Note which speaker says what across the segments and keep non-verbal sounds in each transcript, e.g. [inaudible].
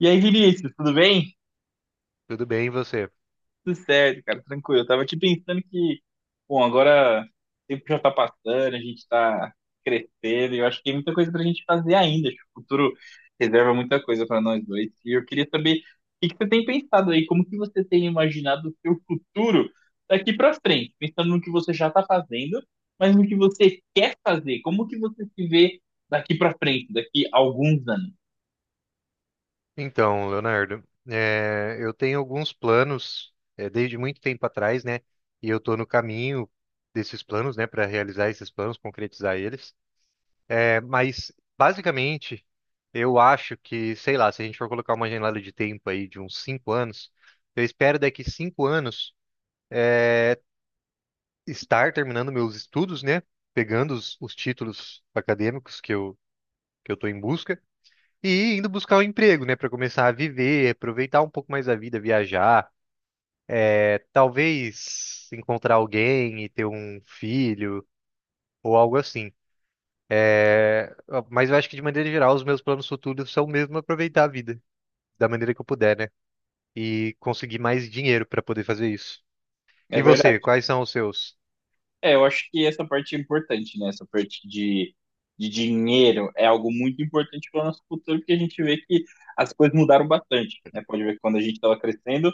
Speaker 1: E aí, Vinícius, tudo bem?
Speaker 2: Tudo bem, e você?
Speaker 1: Tudo certo, cara, tranquilo. Eu tava aqui pensando que, bom, agora o tempo já tá passando, a gente tá crescendo, e eu acho que tem muita coisa pra gente fazer ainda. Acho que o futuro reserva muita coisa pra nós dois. E eu queria saber o que que você tem pensado aí, como que você tem imaginado o seu futuro daqui pra frente, pensando no que você já tá fazendo, mas no que você quer fazer, como que você se vê daqui pra frente, daqui a alguns anos.
Speaker 2: Então, Leonardo, eu tenho alguns planos, desde muito tempo atrás, né? E eu estou no caminho desses planos, né, para realizar esses planos, concretizar eles. Mas, basicamente, eu acho que, sei lá, se a gente for colocar uma janela de tempo aí de uns 5 anos, eu espero daqui 5 anos estar terminando meus estudos, né? Pegando os títulos acadêmicos que eu estou em busca. E indo buscar um emprego, né, para começar a viver, aproveitar um pouco mais a vida, viajar, é, talvez encontrar alguém e ter um filho ou algo assim. Ah, mas eu acho que de maneira geral os meus planos futuros são mesmo aproveitar a vida da maneira que eu puder, né, e conseguir mais dinheiro para poder fazer isso.
Speaker 1: É
Speaker 2: E você,
Speaker 1: verdade.
Speaker 2: quais são os seus?
Speaker 1: É, eu acho que essa parte é importante, né? Essa parte de dinheiro é algo muito importante para o nosso futuro, porque a gente vê que as coisas mudaram bastante, né? Pode ver que quando a gente estava crescendo,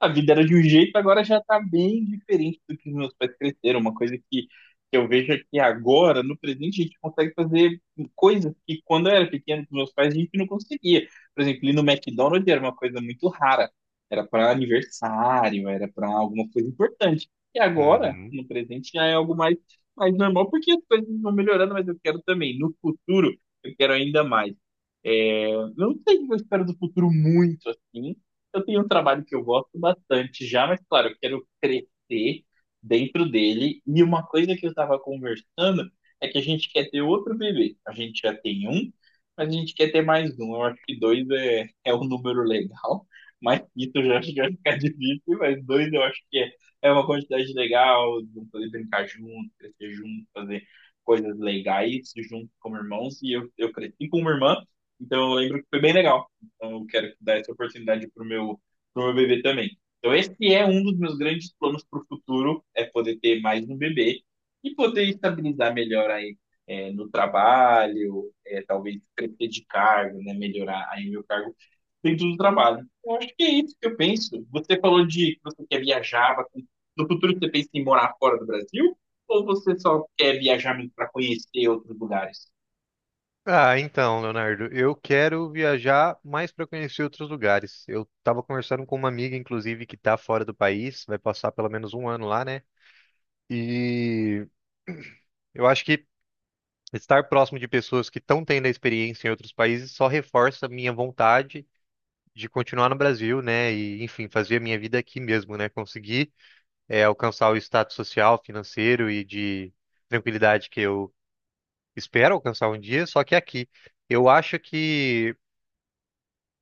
Speaker 1: a vida era de um jeito, agora já tá bem diferente do que os meus pais cresceram. Uma coisa que eu vejo é que agora, no presente, a gente consegue fazer coisas que quando eu era pequeno com meus pais a gente não conseguia. Por exemplo, ir no McDonald's era uma coisa muito rara. Era para aniversário, era para alguma coisa importante. E agora,
Speaker 2: Uhum.
Speaker 1: no presente, já é algo mais, mais normal, porque as coisas vão melhorando, mas eu quero também, no futuro, eu quero ainda mais. É, eu não sei o que eu espero do futuro muito assim, eu tenho um trabalho que eu gosto bastante já, mas claro, eu quero crescer dentro dele. E uma coisa que eu estava conversando é que a gente quer ter outro bebê. A gente já tem um, mas a gente quer ter mais um. Eu acho que dois é, é um número legal, mas isso eu já acho que vai ficar [laughs] difícil, mas dois eu acho que é, é uma quantidade legal, de um poder brincar junto, crescer junto, fazer coisas legais junto como irmãos. E eu cresci com uma irmã, então eu lembro que foi bem legal. Então eu quero dar essa oportunidade para o meu, pro meu bebê também. Então esse é um dos meus grandes planos para o futuro, é poder ter mais um bebê e poder estabilizar melhor aí é, no trabalho, é, talvez crescer de cargo, né, melhorar aí meu cargo dentro do trabalho. Eu acho que é isso que eu penso. Você falou de que você quer viajar, bastante. No futuro você pensa em morar fora do Brasil? Ou você só quer viajar para conhecer outros lugares?
Speaker 2: Ah, então, Leonardo, eu quero viajar mais para conhecer outros lugares. Eu estava conversando com uma amiga, inclusive, que está fora do país, vai passar pelo menos 1 ano lá, né? E eu acho que estar próximo de pessoas que estão tendo a experiência em outros países só reforça a minha vontade de continuar no Brasil, né? E, enfim, fazer a minha vida aqui mesmo, né? Conseguir, alcançar o status social, financeiro e de tranquilidade que eu espero alcançar um dia, só que aqui. Eu acho que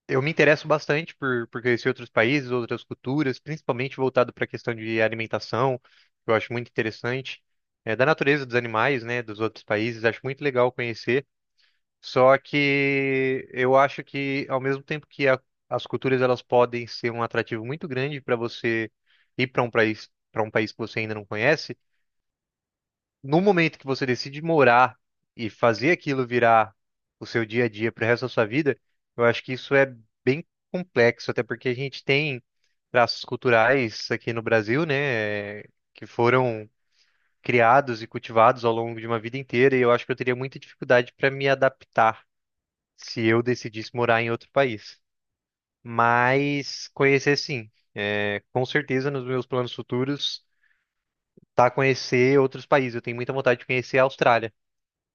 Speaker 2: eu me interesso bastante por conhecer outros países, outras culturas, principalmente voltado para a questão de alimentação, que eu acho muito interessante, é, da natureza dos animais, né, dos outros países, acho muito legal conhecer. Só que eu acho que, ao mesmo tempo que as culturas elas podem ser um atrativo muito grande para você ir para um país que você ainda não conhece, no momento que você decide morar e fazer aquilo virar o seu dia a dia para o resto da sua vida, eu acho que isso é bem complexo, até porque a gente tem traços culturais aqui no Brasil, né, que foram criados e cultivados ao longo de uma vida inteira, e eu acho que eu teria muita dificuldade para me adaptar se eu decidisse morar em outro país. Mas conhecer sim. É, com certeza nos meus planos futuros, tá conhecer outros países. Eu tenho muita vontade de conhecer a Austrália.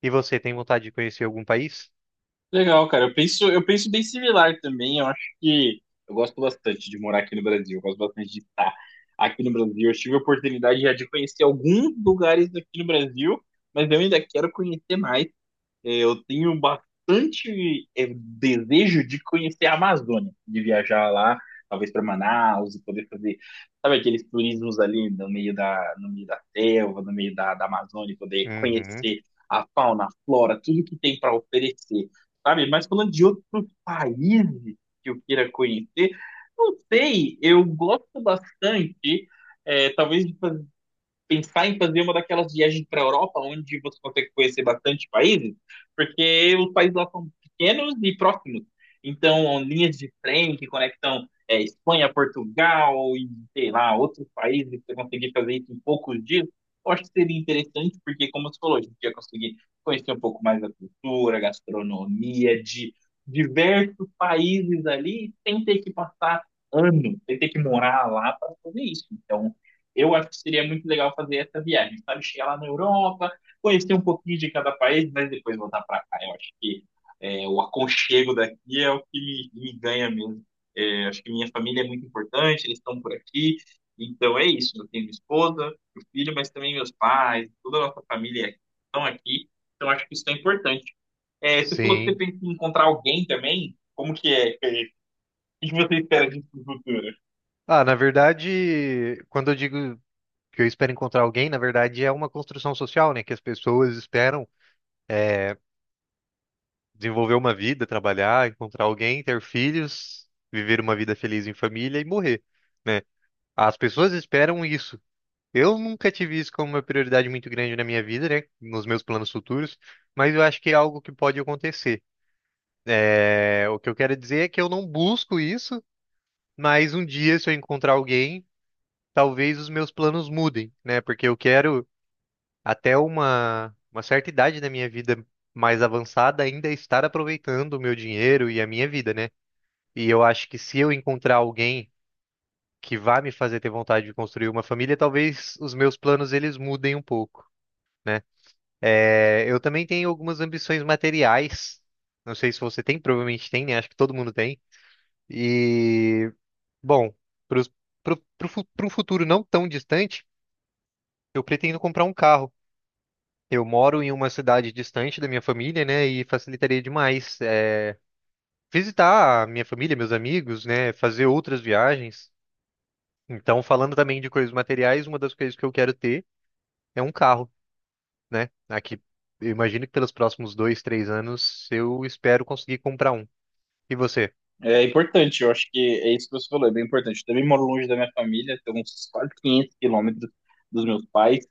Speaker 2: E você tem vontade de conhecer algum país?
Speaker 1: Legal, cara. Eu penso bem similar também. Eu acho que eu gosto bastante de morar aqui no Brasil. Eu gosto bastante de estar aqui no Brasil. Eu tive a oportunidade já de conhecer alguns lugares aqui no Brasil, mas eu ainda quero conhecer mais. É, eu tenho bastante desejo de conhecer a Amazônia, de viajar lá, talvez para Manaus e poder fazer, sabe, aqueles turismos ali no meio no meio da selva, no meio da Amazônia, poder
Speaker 2: Uhum,
Speaker 1: conhecer a fauna, a flora, tudo que tem para oferecer, sabe? Mas falando de outros países que eu queira conhecer, não sei, eu gosto bastante, talvez de fazer pensar em fazer uma daquelas viagens para a Europa, onde você consegue conhecer bastante países, porque os países lá são pequenos e próximos. Então, linhas de trem que conectam é, Espanha, Portugal e, sei lá, outros países, você conseguir fazer isso em poucos dias, eu acho que seria interessante, porque, como você falou, a gente ia conseguir conhecer um pouco mais da cultura, gastronomia, de diversos países ali, sem ter que passar anos, sem ter que morar lá para fazer isso. Então, eu acho que seria muito legal fazer essa viagem, sabe? Chegar lá na Europa, conhecer um pouquinho de cada país, mas depois voltar para cá. Eu acho que é, o aconchego daqui é o que me ganha mesmo. É, acho que minha família é muito importante, eles estão por aqui. Então é isso. Eu tenho minha esposa, meu filho, mas também meus pais, toda a nossa família estão aqui. Então acho que isso é importante. É, você falou que você
Speaker 2: sim.
Speaker 1: pensa em encontrar alguém também. Como que é? É, o que você espera disso no futuro?
Speaker 2: Ah, na verdade, quando eu digo que eu espero encontrar alguém, na verdade é uma construção social, né? Que as pessoas esperam desenvolver uma vida, trabalhar, encontrar alguém, ter filhos, viver uma vida feliz em família e morrer, né? As pessoas esperam isso. Eu nunca tive isso como uma prioridade muito grande na minha vida, né? Nos meus planos futuros, mas eu acho que é algo que pode acontecer. É, o que eu quero dizer é que eu não busco isso. Mas um dia, se eu encontrar alguém, talvez os meus planos mudem, né? Porque eu quero, até uma certa idade da minha vida mais avançada, ainda estar aproveitando o meu dinheiro e a minha vida, né? E eu acho que se eu encontrar alguém que vá me fazer ter vontade de construir uma família, talvez os meus planos eles mudem um pouco, né? É, eu também tenho algumas ambições materiais. Não sei se você tem, provavelmente tem, né? Acho que todo mundo tem. E bom, para o pro, fu- pro futuro não tão distante, eu pretendo comprar um carro. Eu moro em uma cidade distante da minha família, né? E facilitaria demais, visitar a minha família, meus amigos, né? Fazer outras viagens. Então, falando também de coisas materiais, uma das coisas que eu quero ter é um carro, né? Aqui, eu imagino que pelos próximos 2, 3 anos, eu espero conseguir comprar um. E você?
Speaker 1: É importante, eu acho que é isso que você falou, é bem importante. Eu também moro longe da minha família, tenho uns quase 500 quilômetros dos meus pais,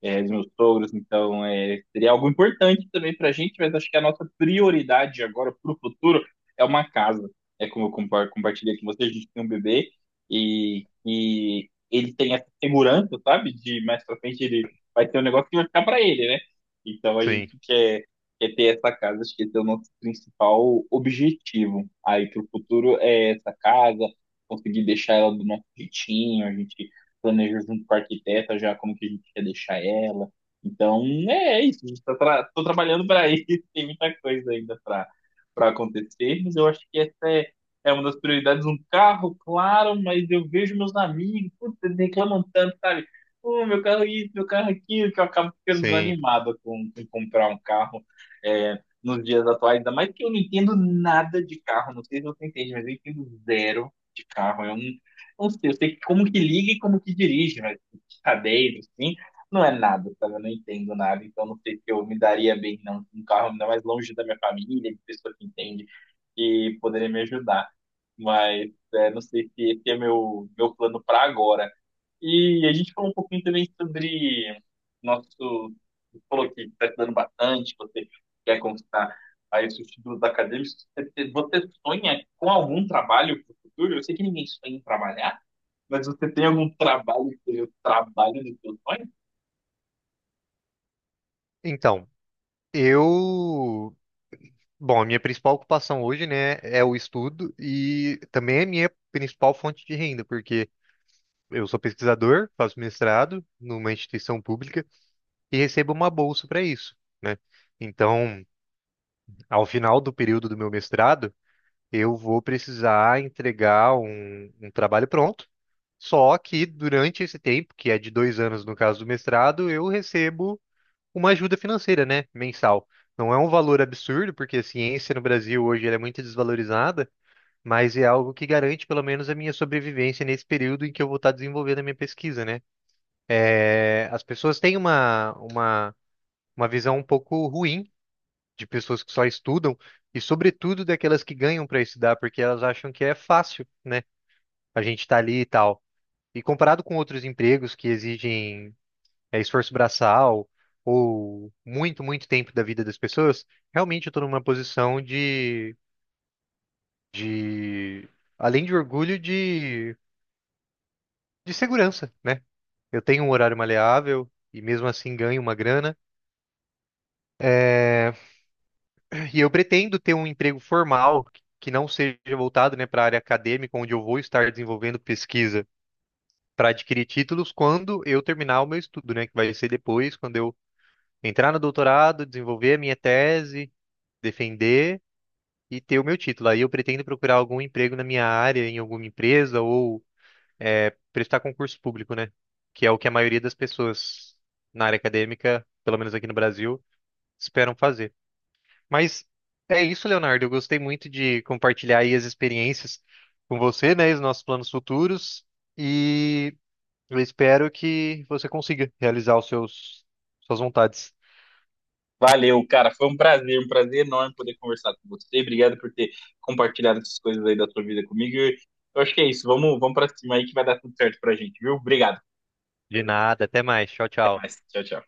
Speaker 1: é, dos meus sogros, então é, seria algo importante também para a gente, mas acho que a nossa prioridade agora para o futuro é uma casa. É como eu compartilhei com vocês, a gente tem um bebê e ele tem essa segurança, sabe? De mais para frente ele vai ter um negócio que vai ficar para ele, né? Então a
Speaker 2: Sim,
Speaker 1: gente quer, quer ter essa casa, acho que esse é o nosso principal objetivo aí para o futuro é essa casa, conseguir deixar ela do nosso jeitinho, a gente planejou junto com a arquiteta já como que a gente quer deixar ela. Então, é é isso. Estou tra tô trabalhando para isso. [laughs] Tem muita coisa ainda para para acontecer, mas eu acho que essa é, é uma das prioridades. Um carro, claro, mas eu vejo meus amigos, putz, eles reclamam tanto, sabe? Pô, meu carro isso, meu carro aquilo, que eu acabo ficando
Speaker 2: sim.
Speaker 1: desanimado com comprar um carro é, nos dias atuais. Ainda mais que eu não entendo nada de carro, não sei se você entende, mas eu entendo zero de carro. Eu não, não sei, eu sei como que liga e como que dirige, mas cadeiro, assim, não é nada, sabe? Eu não entendo nada, então não sei se eu me daria bem não, com um carro ainda mais longe da minha família, de pessoa que entende, que poderia me ajudar. Mas é, não sei se esse é meu, meu plano para agora. E a gente falou um pouquinho também sobre nosso. Você falou que está estudando bastante, você quer conquistar aí os seus títulos acadêmicos. Você sonha com algum trabalho para o futuro? Eu sei que ninguém sonha em trabalhar, mas você tem algum trabalho que seja o trabalho de seus sonhos?
Speaker 2: Então, eu Bom, a minha principal ocupação hoje, né, é o estudo e também é a minha principal fonte de renda, porque eu sou pesquisador, faço mestrado numa instituição pública e recebo uma bolsa para isso, né? Então, ao final do período do meu mestrado, eu vou precisar entregar um trabalho pronto. Só que durante esse tempo, que é de 2 anos no caso do mestrado, eu recebo uma ajuda financeira, né, mensal. Não é um valor absurdo, porque a ciência no Brasil hoje ela é muito desvalorizada, mas é algo que garante pelo menos a minha sobrevivência nesse período em que eu vou estar desenvolvendo a minha pesquisa, né? É, as pessoas têm uma visão um pouco ruim de pessoas que só estudam e, sobretudo, daquelas que ganham para estudar, porque elas acham que é fácil, né? A gente tá ali e tal. E comparado com outros empregos que exigem é, esforço braçal ou muito, muito tempo da vida das pessoas, realmente eu estou numa posição de, além de orgulho, de segurança, né? Eu tenho um horário maleável e mesmo assim ganho uma grana. É, e eu pretendo ter um emprego formal que não seja voltado, né, para a área acadêmica, onde eu vou estar desenvolvendo pesquisa para adquirir títulos quando eu terminar o meu estudo, né, que vai ser depois, quando eu entrar no doutorado, desenvolver a minha tese, defender e ter o meu título. Aí eu pretendo procurar algum emprego na minha área, em alguma empresa ou é prestar concurso público, né? Que é o que a maioria das pessoas na área acadêmica, pelo menos aqui no Brasil, esperam fazer. Mas é isso, Leonardo. Eu gostei muito de compartilhar aí as experiências com você, né? Os nossos planos futuros. E eu espero que você consiga realizar os seus, suas vontades.
Speaker 1: Valeu, cara. Foi um prazer enorme poder conversar com você. Obrigado por ter compartilhado essas coisas aí da sua vida comigo. Eu acho que é isso. Vamos, vamos para cima aí que vai dar tudo certo pra gente, viu? Obrigado.
Speaker 2: De nada. Até mais. Tchau,
Speaker 1: Até
Speaker 2: tchau.
Speaker 1: mais. Tchau, tchau.